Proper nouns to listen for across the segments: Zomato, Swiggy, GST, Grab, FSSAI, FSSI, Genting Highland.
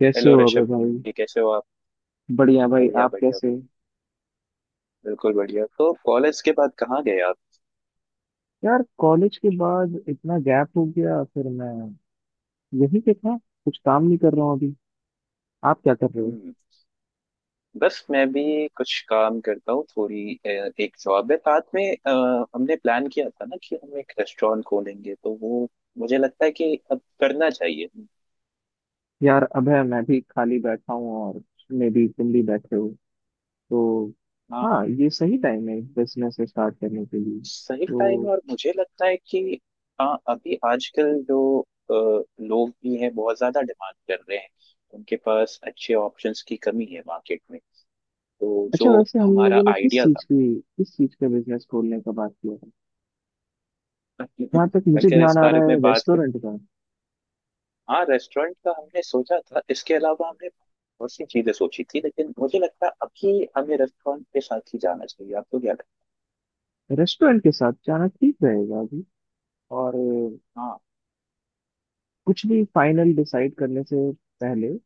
कैसे हेलो हो अबे ऋषभ भाई। जी, कैसे हो आप? बढ़िया भाई, बढ़िया आप बढ़िया कैसे हो? बढ़िया, बिल्कुल बढ़िया। तो कॉलेज के बाद कहाँ गए आप? यार कॉलेज के बाद इतना गैप हो गया। फिर मैं यही पे था, कुछ काम नहीं कर रहा हूँ अभी। आप क्या कर रहे हो? हम्म बस मैं भी कुछ काम करता हूँ थोड़ी, एक जॉब है साथ में। हमने प्लान किया था ना कि हम एक रेस्टोरेंट खोलेंगे, तो वो मुझे लगता है कि अब करना चाहिए। यार अबे मैं भी खाली बैठा हूँ, और मे भी तुम भी बैठे हो तो। हाँ, हाँ ये सही टाइम है बिजनेस स्टार्ट करने के लिए सही टाइम तो। है और मुझे लगता है कि हाँ अभी आजकल जो लोग भी हैं बहुत ज्यादा डिमांड कर रहे हैं। उनके पास अच्छे ऑप्शंस की कमी है मार्केट में, तो अच्छा जो वैसे हम हमारा लोगों ने किस आइडिया था चीज की किस चीज का बिजनेस खोलने का बात किया था? जहाँ तक मुझे अगर ध्यान इस आ बारे रहा में है, बात कर। रेस्टोरेंट का। हाँ, रेस्टोरेंट का हमने सोचा था। इसके अलावा हमने बहुत सी चीजें सोची थी, लेकिन मुझे लगता है अभी हमें रेस्टोरेंट के साथ ही जाना चाहिए। आपको क्या लगता रेस्टोरेंट के साथ जाना ठीक रहेगा अभी, और है? हाँ कुछ भी फाइनल डिसाइड करने से पहले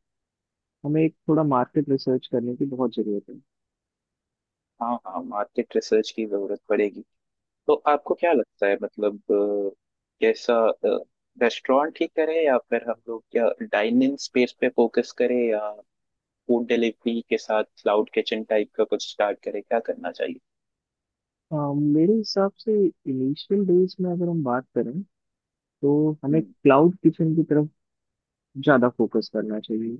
हमें एक थोड़ा मार्केट रिसर्च करने की बहुत ज़रूरत है। हाँ हाँ, मार्केट रिसर्च की जरूरत पड़ेगी। तो आपको क्या लगता है, मतलब, कैसा रेस्टोरेंट ही करें, या फिर हम लोग क्या डाइनिंग स्पेस पे फोकस करें, या फूड डिलीवरी के साथ क्लाउड किचन टाइप का कुछ स्टार्ट करें? क्या करना चाहिए? अ, मेरे हिसाब से इनिशियल डेज में अगर हम बात करें तो हमें हम्म क्लाउड किचन की तरफ ज़्यादा फोकस करना चाहिए।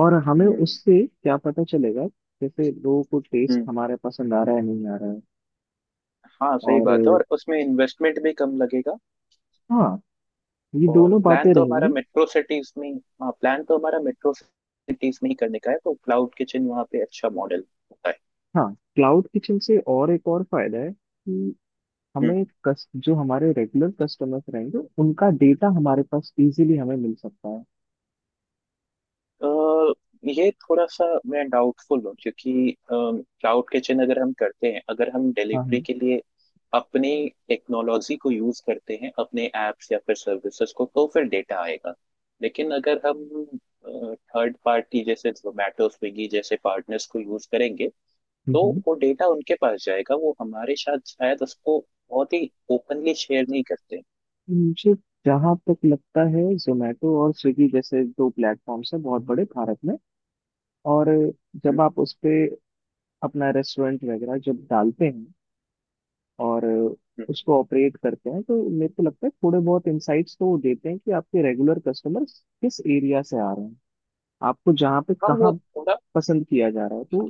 और हमें उससे क्या पता चलेगा जैसे लोगों को टेस्ट हम्म। हमारा पसंद आ रहा है नहीं आ रहा है। हाँ सही और बात है और उसमें इन्वेस्टमेंट भी कम लगेगा। हाँ, ये और दोनों प्लान बातें तो हमारा रहेंगी। मेट्रो सिटीज में, हाँ प्लान तो हमारा मेट्रो सिटीज में ही करने का है, तो क्लाउड किचन वहाँ पे अच्छा मॉडल होता है। हाँ, क्लाउड किचन से और एक और फायदा है कि हम्म। हमें जो हमारे रेगुलर कस्टमर्स रहेंगे उनका डेटा हमारे पास इजीली हमें मिल सकता है। अ, ये थोड़ा सा मैं डाउटफुल हूँ, क्योंकि क्लाउड किचन अगर हम करते हैं, अगर हम हाँ डिलीवरी हाँ। के लिए अपनी टेक्नोलॉजी को यूज करते हैं, अपने एप्स या फिर सर्विसेज को, तो फिर डेटा आएगा। लेकिन अगर हम थर्ड पार्टी जैसे जोमेटो स्विगी जैसे पार्टनर्स को यूज करेंगे, हम्म तो हम्म। वो डेटा उनके पास जाएगा। वो हमारे साथ शायद उसको बहुत ही ओपनली शेयर नहीं करते। मुझे जहाँ तक लगता है जोमेटो और स्विगी जैसे दो प्लेटफॉर्म्स हैं बहुत बड़े भारत में, और हम्म, जब आप उस पे अपना रेस्टोरेंट वगैरह जब डालते हैं और हम्म। उसको ऑपरेट करते हैं तो मेरे को लगता है थोड़े बहुत इंसाइट्स तो वो देते हैं कि आपके रेगुलर कस्टमर्स किस एरिया से आ रहे हैं, आपको जहाँ पे हाँ वो कहाँ थोड़ा, पसंद किया जा रहा है तो।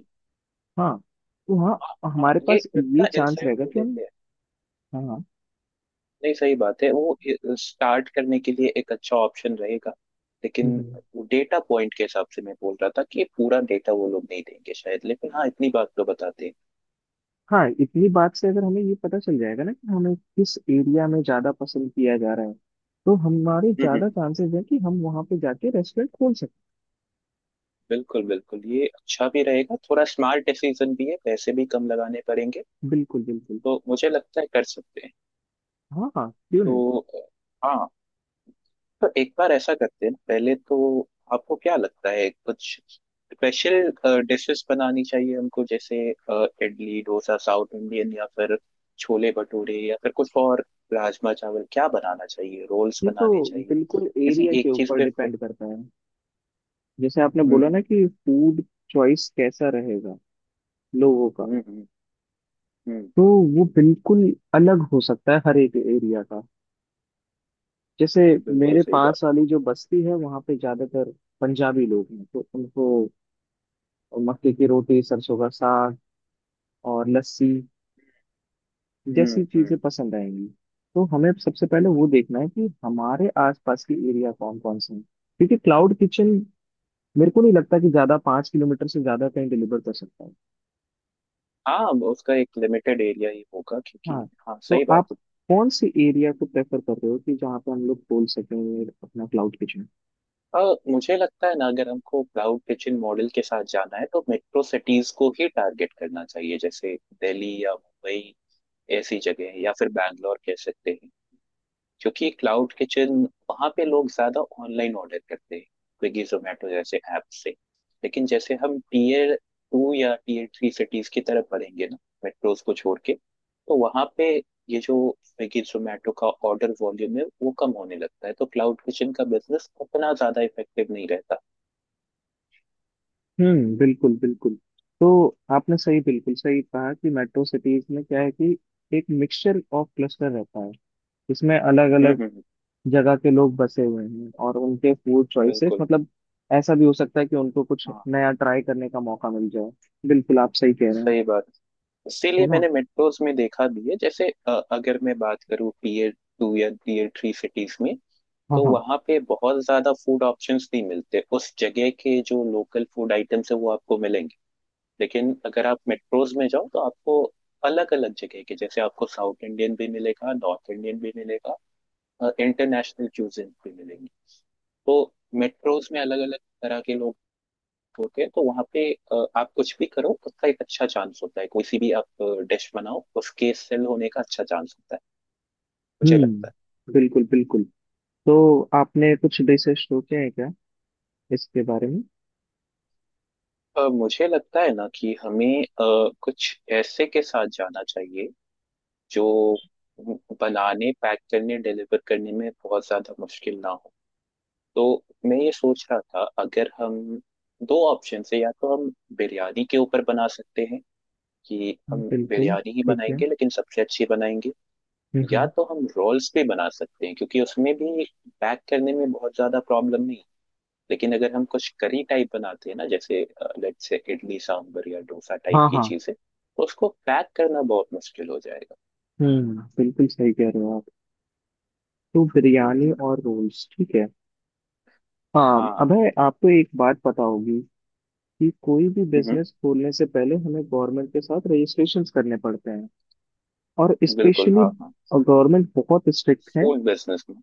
हाँ, तो हाँ हाँ, हाँ, हमारे ये पास ये इतना चांस इंसाइट रहेगा वो कि हम। देते हैं। हाँ हाँ। नहीं सही बात है, वो स्टार्ट करने के लिए एक अच्छा ऑप्शन रहेगा। हम्म लेकिन हम्म। डेटा पॉइंट के हिसाब से मैं बोल रहा था कि पूरा डेटा वो लोग नहीं देंगे शायद, लेकिन हाँ इतनी बात तो बताते हैं। हाँ, इतनी बात से अगर हमें ये पता चल जाएगा ना कि हमें किस एरिया में ज्यादा पसंद किया जा रहा है, तो हमारे हम्म, हम्म। ज्यादा हम्म। चांसेस है कि हम वहां पे जाके रेस्टोरेंट खोल सकते बिल्कुल बिल्कुल, ये अच्छा भी रहेगा, थोड़ा स्मार्ट डिसीजन भी है, पैसे भी कम लगाने पड़ेंगे। हैं। बिल्कुल बिल्कुल। तो मुझे लगता है कर सकते हैं। हाँ हाँ, क्यों नहीं। तो हाँ, तो एक बार ऐसा करते हैं पहले तो। आपको क्या लगता है कुछ स्पेशल डिशेस बनानी चाहिए हमको? जैसे इडली डोसा साउथ इंडियन, या फिर छोले भटूरे, या फिर कुछ और, राजमा चावल, क्या बनाना चाहिए? रोल्स ये तो बनाने चाहिए? बिल्कुल किसी एरिया के एक चीज ऊपर पे डिपेंड करता है। जैसे आपने बोला हम्म ना कि फूड चॉइस कैसा रहेगा लोगों का, हम्म। हम्म, तो वो बिल्कुल अलग हो सकता है हर एक एरिया का। जैसे बिल्कुल मेरे सही बात। पास वाली जो बस्ती है वहाँ पे ज्यादातर पंजाबी लोग हैं, तो उनको मक्के की रोटी, सरसों का साग और लस्सी जैसी चीजें हम्म। पसंद आएंगी। तो हमें सबसे पहले वो देखना है कि हमारे आसपास के एरिया कौन कौन से हैं, क्योंकि क्लाउड किचन मेरे को नहीं लगता कि ज्यादा 5 किलोमीटर से ज्यादा कहीं डिलीवर कर सकता है। हाँ वो उसका एक लिमिटेड एरिया ही होगा, क्योंकि हाँ, हाँ तो सही बात। आप कौन से एरिया को प्रेफर कर रहे हो कि जहाँ पे हम लोग खोल सकें अपना क्लाउड किचन? और मुझे लगता है ना अगर हमको क्लाउड किचन मॉडल के साथ जाना है तो मेट्रो सिटीज को ही टारगेट करना चाहिए, जैसे दिल्ली या मुंबई ऐसी जगह, या फिर बैंगलोर कह सकते हैं। क्योंकि क्लाउड किचन वहाँ पे लोग ज्यादा ऑनलाइन ऑर्डर करते हैं स्विगी जोमेटो जैसे ऐप से। लेकिन जैसे हम टीयर टू या टीयर थ्री सिटीज की तरफ बढ़ेंगे ना, मेट्रोज को छोड़ के, तो वहाँ पे ये जो स्विगी जोमेटो का ऑर्डर वॉल्यूम है वो कम होने लगता है, तो क्लाउड किचन का बिजनेस उतना ज्यादा इफेक्टिव नहीं रहता। हम्म, बिल्कुल बिल्कुल। तो आपने सही, बिल्कुल सही कहा कि मेट्रो सिटीज में क्या है कि एक मिक्सचर ऑफ क्लस्टर रहता है। इसमें अलग हम्म अलग हम्म, हम्म, जगह के लोग बसे हुए हैं और उनके फूड चॉइसेस बिल्कुल। मतलब ऐसा भी हो सकता है कि उनको कुछ हाँ नया ट्राई करने का मौका मिल जाए। बिल्कुल आप सही कह रहे हैं, सही बात। है इसीलिए ना। मैंने मेट्रोज में देखा भी है, जैसे अगर मैं बात करूँ टीयर टू या टीयर थ्री सिटीज में, हाँ तो हाँ। वहाँ पे बहुत ज्यादा फूड ऑप्शंस नहीं मिलते, उस जगह के जो लोकल फूड आइटम्स है वो आपको मिलेंगे। लेकिन अगर आप मेट्रोज में जाओ तो आपको अलग अलग जगह के, जैसे आपको साउथ इंडियन भी मिलेगा, नॉर्थ इंडियन भी मिलेगा, इंटरनेशनल क्यूजिन भी मिलेंगी। तो मेट्रोज में अलग अलग तरह के कनेक्ट होते हैं, तो वहां पे आप कुछ भी करो उसका एक अच्छा चांस होता है, कोई सी भी आप डिश बनाओ उसके सेल होने का अच्छा चांस होता है। मुझे लगता हम्म, बिल्कुल बिल्कुल। तो आपने कुछ रिसर्च सोचे हैं क्या इसके बारे में? है मुझे लगता है ना कि हमें कुछ ऐसे के साथ जाना चाहिए जो बनाने, पैक करने, डिलीवर करने में बहुत ज्यादा मुश्किल ना हो। तो मैं ये सोच रहा था अगर हम, दो ऑप्शन है, या तो हम बिरयानी के ऊपर बना सकते हैं कि हम बिल्कुल। बिरयानी ही ठीक है। बनाएंगे, लेकिन सबसे अच्छी बनाएंगे। या हम्म। तो हम रोल्स भी बना सकते हैं, क्योंकि उसमें भी पैक करने में बहुत ज्यादा प्रॉब्लम नहीं। लेकिन अगर हम कुछ करी टाइप बनाते हैं ना, जैसे लेट्स से इडली सांभर या डोसा टाइप हाँ की हाँ। चीजें, तो उसको पैक करना बहुत मुश्किल हो जाएगा। हम्म, बिल्कुल सही कह रहे हो आप। तो बिरयानी हम्म। और रोल्स ठीक है। हाँ हाँ। अबे, आपको एक बात पता होगी कि कोई भी हम्म। बिजनेस खोलने से पहले हमें गवर्नमेंट के साथ रजिस्ट्रेशन करने पड़ते हैं, और बिल्कुल स्पेशली हाँ हाँ, गवर्नमेंट बहुत स्ट्रिक्ट है फूड बिजनेस में,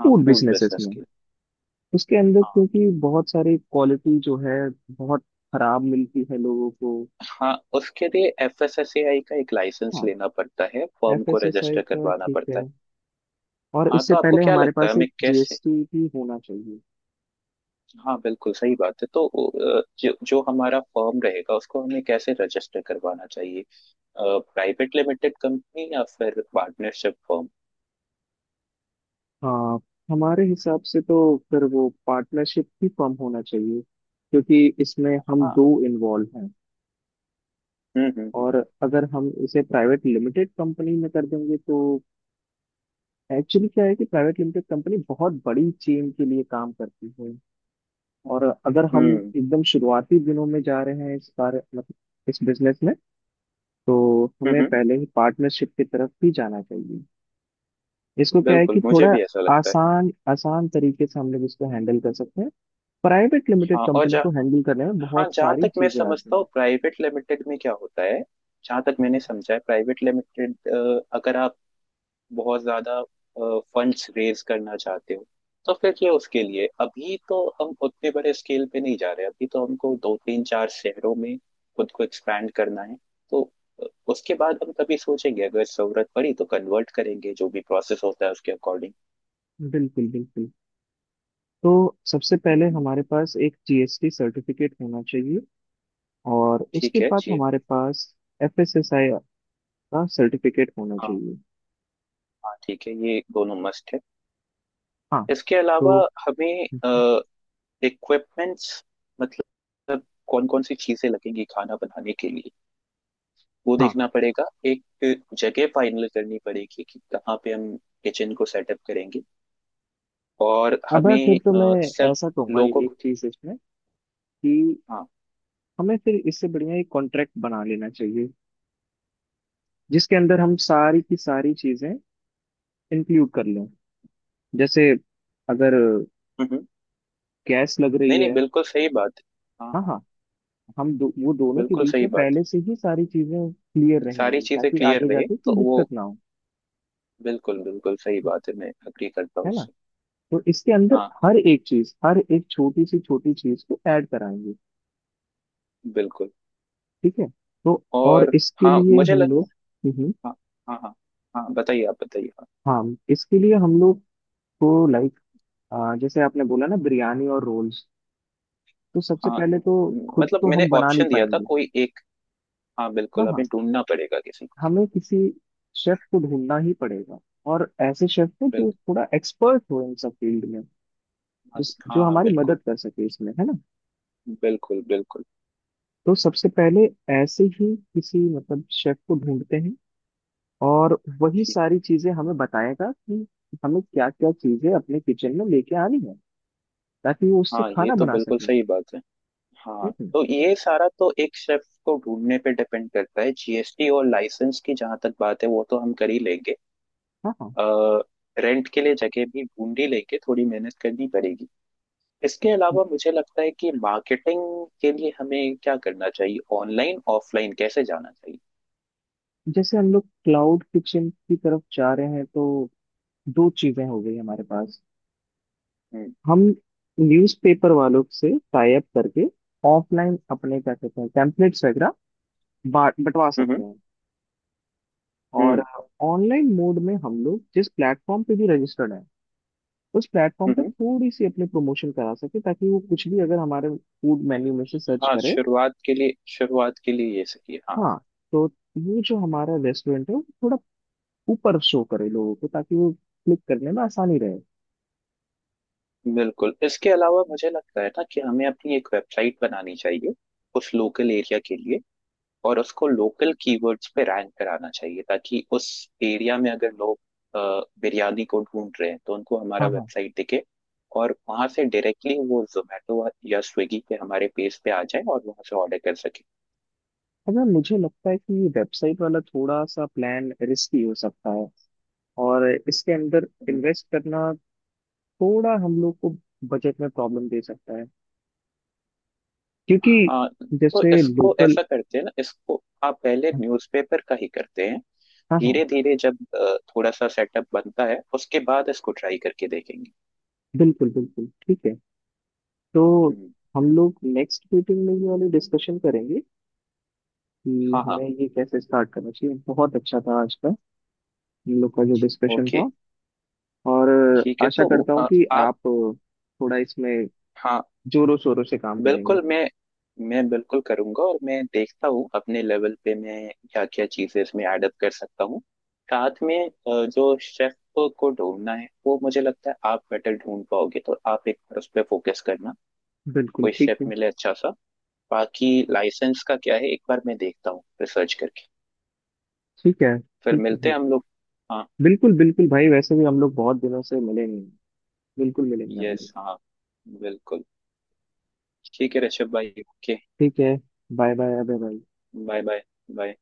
हाँ फूड फूड बिजनेसेस बिजनेस में। के लिए। उसके अंदर हाँ क्योंकि बहुत सारी क्वालिटी जो है बहुत खराब मिलती है लोगों को। हाँ, उसके लिए F S S A I का एक लाइसेंस हाँ, लेना पड़ता है, फर्म एफ को एस एस आई रजिस्टर का करवाना ठीक पड़ता है। है। और हाँ इससे तो आपको पहले क्या हमारे लगता है पास एक हमें कैसे, जीएसटी भी होना चाहिए। हाँ बिल्कुल सही बात है। तो जो जो हमारा फर्म रहेगा उसको हमें कैसे रजिस्टर करवाना चाहिए? प्राइवेट लिमिटेड कंपनी या फिर पार्टनरशिप फर्म? हाँ, हमारे हिसाब से तो फिर वो पार्टनरशिप ही फॉर्म होना चाहिए, क्योंकि इसमें हम हाँ। दो इन्वॉल्व हैं। हम्म। और अगर हम इसे प्राइवेट लिमिटेड कंपनी में कर देंगे तो एक्चुअली क्या है कि प्राइवेट लिमिटेड कंपनी बहुत बड़ी चेन के लिए काम करती है। और अगर हम हम्म एकदम शुरुआती दिनों में जा रहे हैं इस बार, मतलब इस बिजनेस में, तो हम्म, हमें हम्म, पहले ही पार्टनरशिप की तरफ भी जाना चाहिए। इसको क्या है कि बिल्कुल मुझे थोड़ा भी ऐसा लगता है। आसान आसान तरीके से हम लोग इसको हैंडल कर सकते हैं। प्राइवेट लिमिटेड हाँ और कंपनी जा, को हैंडल करने में हाँ बहुत जहाँ सारी तक मैं चीजें समझता आती हूँ प्राइवेट लिमिटेड में क्या होता है, जहाँ तक मैंने हैं। समझा है प्राइवेट लिमिटेड, अगर आप बहुत ज्यादा फंड्स रेज करना चाहते हो तो फिर ये उसके लिए। अभी तो हम उतने बड़े स्केल पे नहीं जा रहे, अभी तो हमको दो तीन चार शहरों में खुद को एक्सपैंड करना है। तो अ, उसके बाद हम तभी सोचेंगे, अगर जरूरत पड़ी तो कन्वर्ट करेंगे, जो भी प्रोसेस होता है उसके अकॉर्डिंग। बिल्कुल बिल्कुल। तो सबसे पहले हम्म। हमारे पास एक जीएसटी सर्टिफिकेट होना चाहिए, और ठीक उसके है बाद जी। हमारे पास एफएसएसआई का सर्टिफिकेट होना हाँ चाहिए। हाँ ठीक है, ये दोनों मस्ट है। हाँ। इसके तो अलावा हमें इक्विपमेंट्स, मतलब कौन कौन सी चीजें लगेंगी खाना बनाने के लिए वो हाँ, देखना पड़ेगा। एक जगह फाइनल करनी पड़ेगी कि कहाँ पे हम किचन को सेटअप करेंगे। और अब है फिर हमें तो मैं सब ऐसा कहूंगा लोगों एक को, चीज इसमें कि हाँ। हमें फिर इससे बढ़िया एक कॉन्ट्रैक्ट बना लेना चाहिए, जिसके अंदर हम सारी की सारी चीजें इंक्लूड कर लें। जैसे अगर हम्म, हम्म। गैस लग नहीं रही नहीं है। बिल्कुल सही बात है। हाँ हाँ हाँ। हाँ। वो दोनों के बिल्कुल बीच सही में बात है। पहले से ही सारी चीजें क्लियर सारी रहेंगी चीजें ताकि क्लियर आगे रहे जाके कोई तो वो दिक्कत ना हो। बिल्कुल बिल्कुल सही बात है, मैं अग्री करता हूँ है ना। उससे। तो इसके अंदर हाँ हर एक चीज, हर एक छोटी सी छोटी चीज को ऐड कराएंगे। बिल्कुल। ठीक है। तो और और इसके हाँ लिए मुझे लग, हम लोग, हम्म, हाँ, हाँ हाँ, हाँ बताइए आप बताइए, हाँ हाँ इसके लिए हम लोग को लाइक, जैसे आपने बोला ना बिरयानी और रोल्स, तो सबसे हाँ। पहले तो खुद मतलब तो मैंने हम बना नहीं ऑप्शन दिया था पाएंगे। कोई एक। हाँ हाँ बिल्कुल हाँ, हमें ढूंढना पड़ेगा किसी को। हमें किसी शेफ को ढूंढना ही पड़ेगा, और ऐसे शेफ को जो बिल्कुल, थोड़ा एक्सपर्ट हो इन सब फील्ड में, हाँ जिस जो हाँ हमारी बिल्कुल। मदद कर सके इसमें, है ना। बिल्कुल बिल्कुल। तो सबसे पहले ऐसे ही किसी मतलब शेफ को ढूंढते हैं, और वही ठीक। सारी चीजें हमें बताएगा कि हमें क्या क्या चीजें अपने किचन में लेके आनी है ताकि वो उससे हाँ ये खाना तो बना बिल्कुल सके। सही बात है। हाँ हम्म। तो ये सारा तो एक शेफ को ढूंढने पे डिपेंड करता है। जीएसटी और लाइसेंस की जहां तक बात है, वो तो हम कर ही लेंगे। हाँ हाँ। आ, रेंट के लिए जगह भी ढूंढ ही लेंगे, थोड़ी मेहनत करनी पड़ेगी। इसके अलावा मुझे लगता है कि मार्केटिंग के लिए हमें क्या करना चाहिए? ऑनलाइन ऑफलाइन कैसे जाना चाहिए? जैसे हम लोग क्लाउड किचन की तरफ जा रहे हैं, तो दो चीजें हो गई हमारे पास। हम्म। हम न्यूज़पेपर वालों से टाई अप करके ऑफलाइन अपने क्या कहते हैं टेम्पलेट्स वगैरह बांट बंटवा सकते हम्म। हैं। और हम्म ऑनलाइन मोड में हम लोग जिस प्लेटफॉर्म पे भी रजिस्टर्ड है उस प्लेटफॉर्म हम्म, पे हम्म। थोड़ी सी अपने प्रमोशन करा सके, ताकि वो कुछ भी अगर हमारे फूड मेन्यू में से सर्च हाँ करे। शुरुआत के लिए, शुरुआत के लिए ये सही है, हाँ। हाँ, तो ये जो हमारा रेस्टोरेंट है वो थोड़ा ऊपर शो करे लोगों को ताकि वो क्लिक करने में आसानी रहे। बिल्कुल, इसके अलावा मुझे लगता है ना कि हमें अपनी एक वेबसाइट बनानी चाहिए उस लोकल एरिया के लिए। और उसको लोकल कीवर्ड्स पे रैंक कराना चाहिए ताकि उस एरिया में अगर लोग बिरयानी को ढूंढ रहे हैं तो उनको हमारा हाँ हाँ। वेबसाइट दिखे। और वहां से डायरेक्टली वो जोमेटो या स्विगी पे हमारे पेज पे आ जाए और वहां से ऑर्डर कर सके। अगर मुझे लगता है कि ये वेबसाइट वाला थोड़ा सा प्लान रिस्की हो सकता है, और इसके अंदर हम्म। इन्वेस्ट करना थोड़ा हम लोग को बजट में प्रॉब्लम दे सकता है, क्योंकि हाँ तो जैसे इसको लोकल। ऐसा करते हैं ना, इसको आप पहले न्यूज़पेपर का ही करते हैं, हाँ हाँ। धीरे धीरे जब थोड़ा सा सेटअप बनता है उसके बाद इसको ट्राई करके देखेंगे। बिल्कुल बिल्कुल ठीक है। तो हम्म। हम लोग नेक्स्ट मीटिंग में ये वाली डिस्कशन करेंगे कि हाँ हाँ। हमें ये कैसे स्टार्ट करना चाहिए। बहुत अच्छा था आज का हम लोग का जो डिस्कशन ओके। था। और ठीक है, आशा तो करता हूँ कि आप, आप थोड़ा इसमें हाँ। जोरों शोरों से काम करेंगे। बिल्कुल, मैं बिल्कुल करूंगा, और मैं देखता हूँ अपने लेवल पे मैं क्या क्या चीजें इसमें ऐड अप कर सकता हूँ। साथ में, जो शेफ को ढूंढना है वो मुझे लगता है आप बेटर ढूंढ पाओगे, तो आप एक बार उस पर फोकस करना, बिल्कुल कोई ठीक शेफ है। मिले अच्छा सा। बाकी लाइसेंस का क्या है, एक बार मैं देखता हूँ रिसर्च करके। ठीक है। फिर ठीक मिलते है। हैं हम लोग। हाँ। बिल्कुल बिल्कुल भाई, वैसे भी हम लोग बहुत दिनों से मिले नहीं। बिल्कुल मिलेंगे हम लोग। यस हाँ, बिल्कुल। ठीक है ऋषभ भाई, ओके। ठीक है। Bye bye, bye bye. Bye bye bye.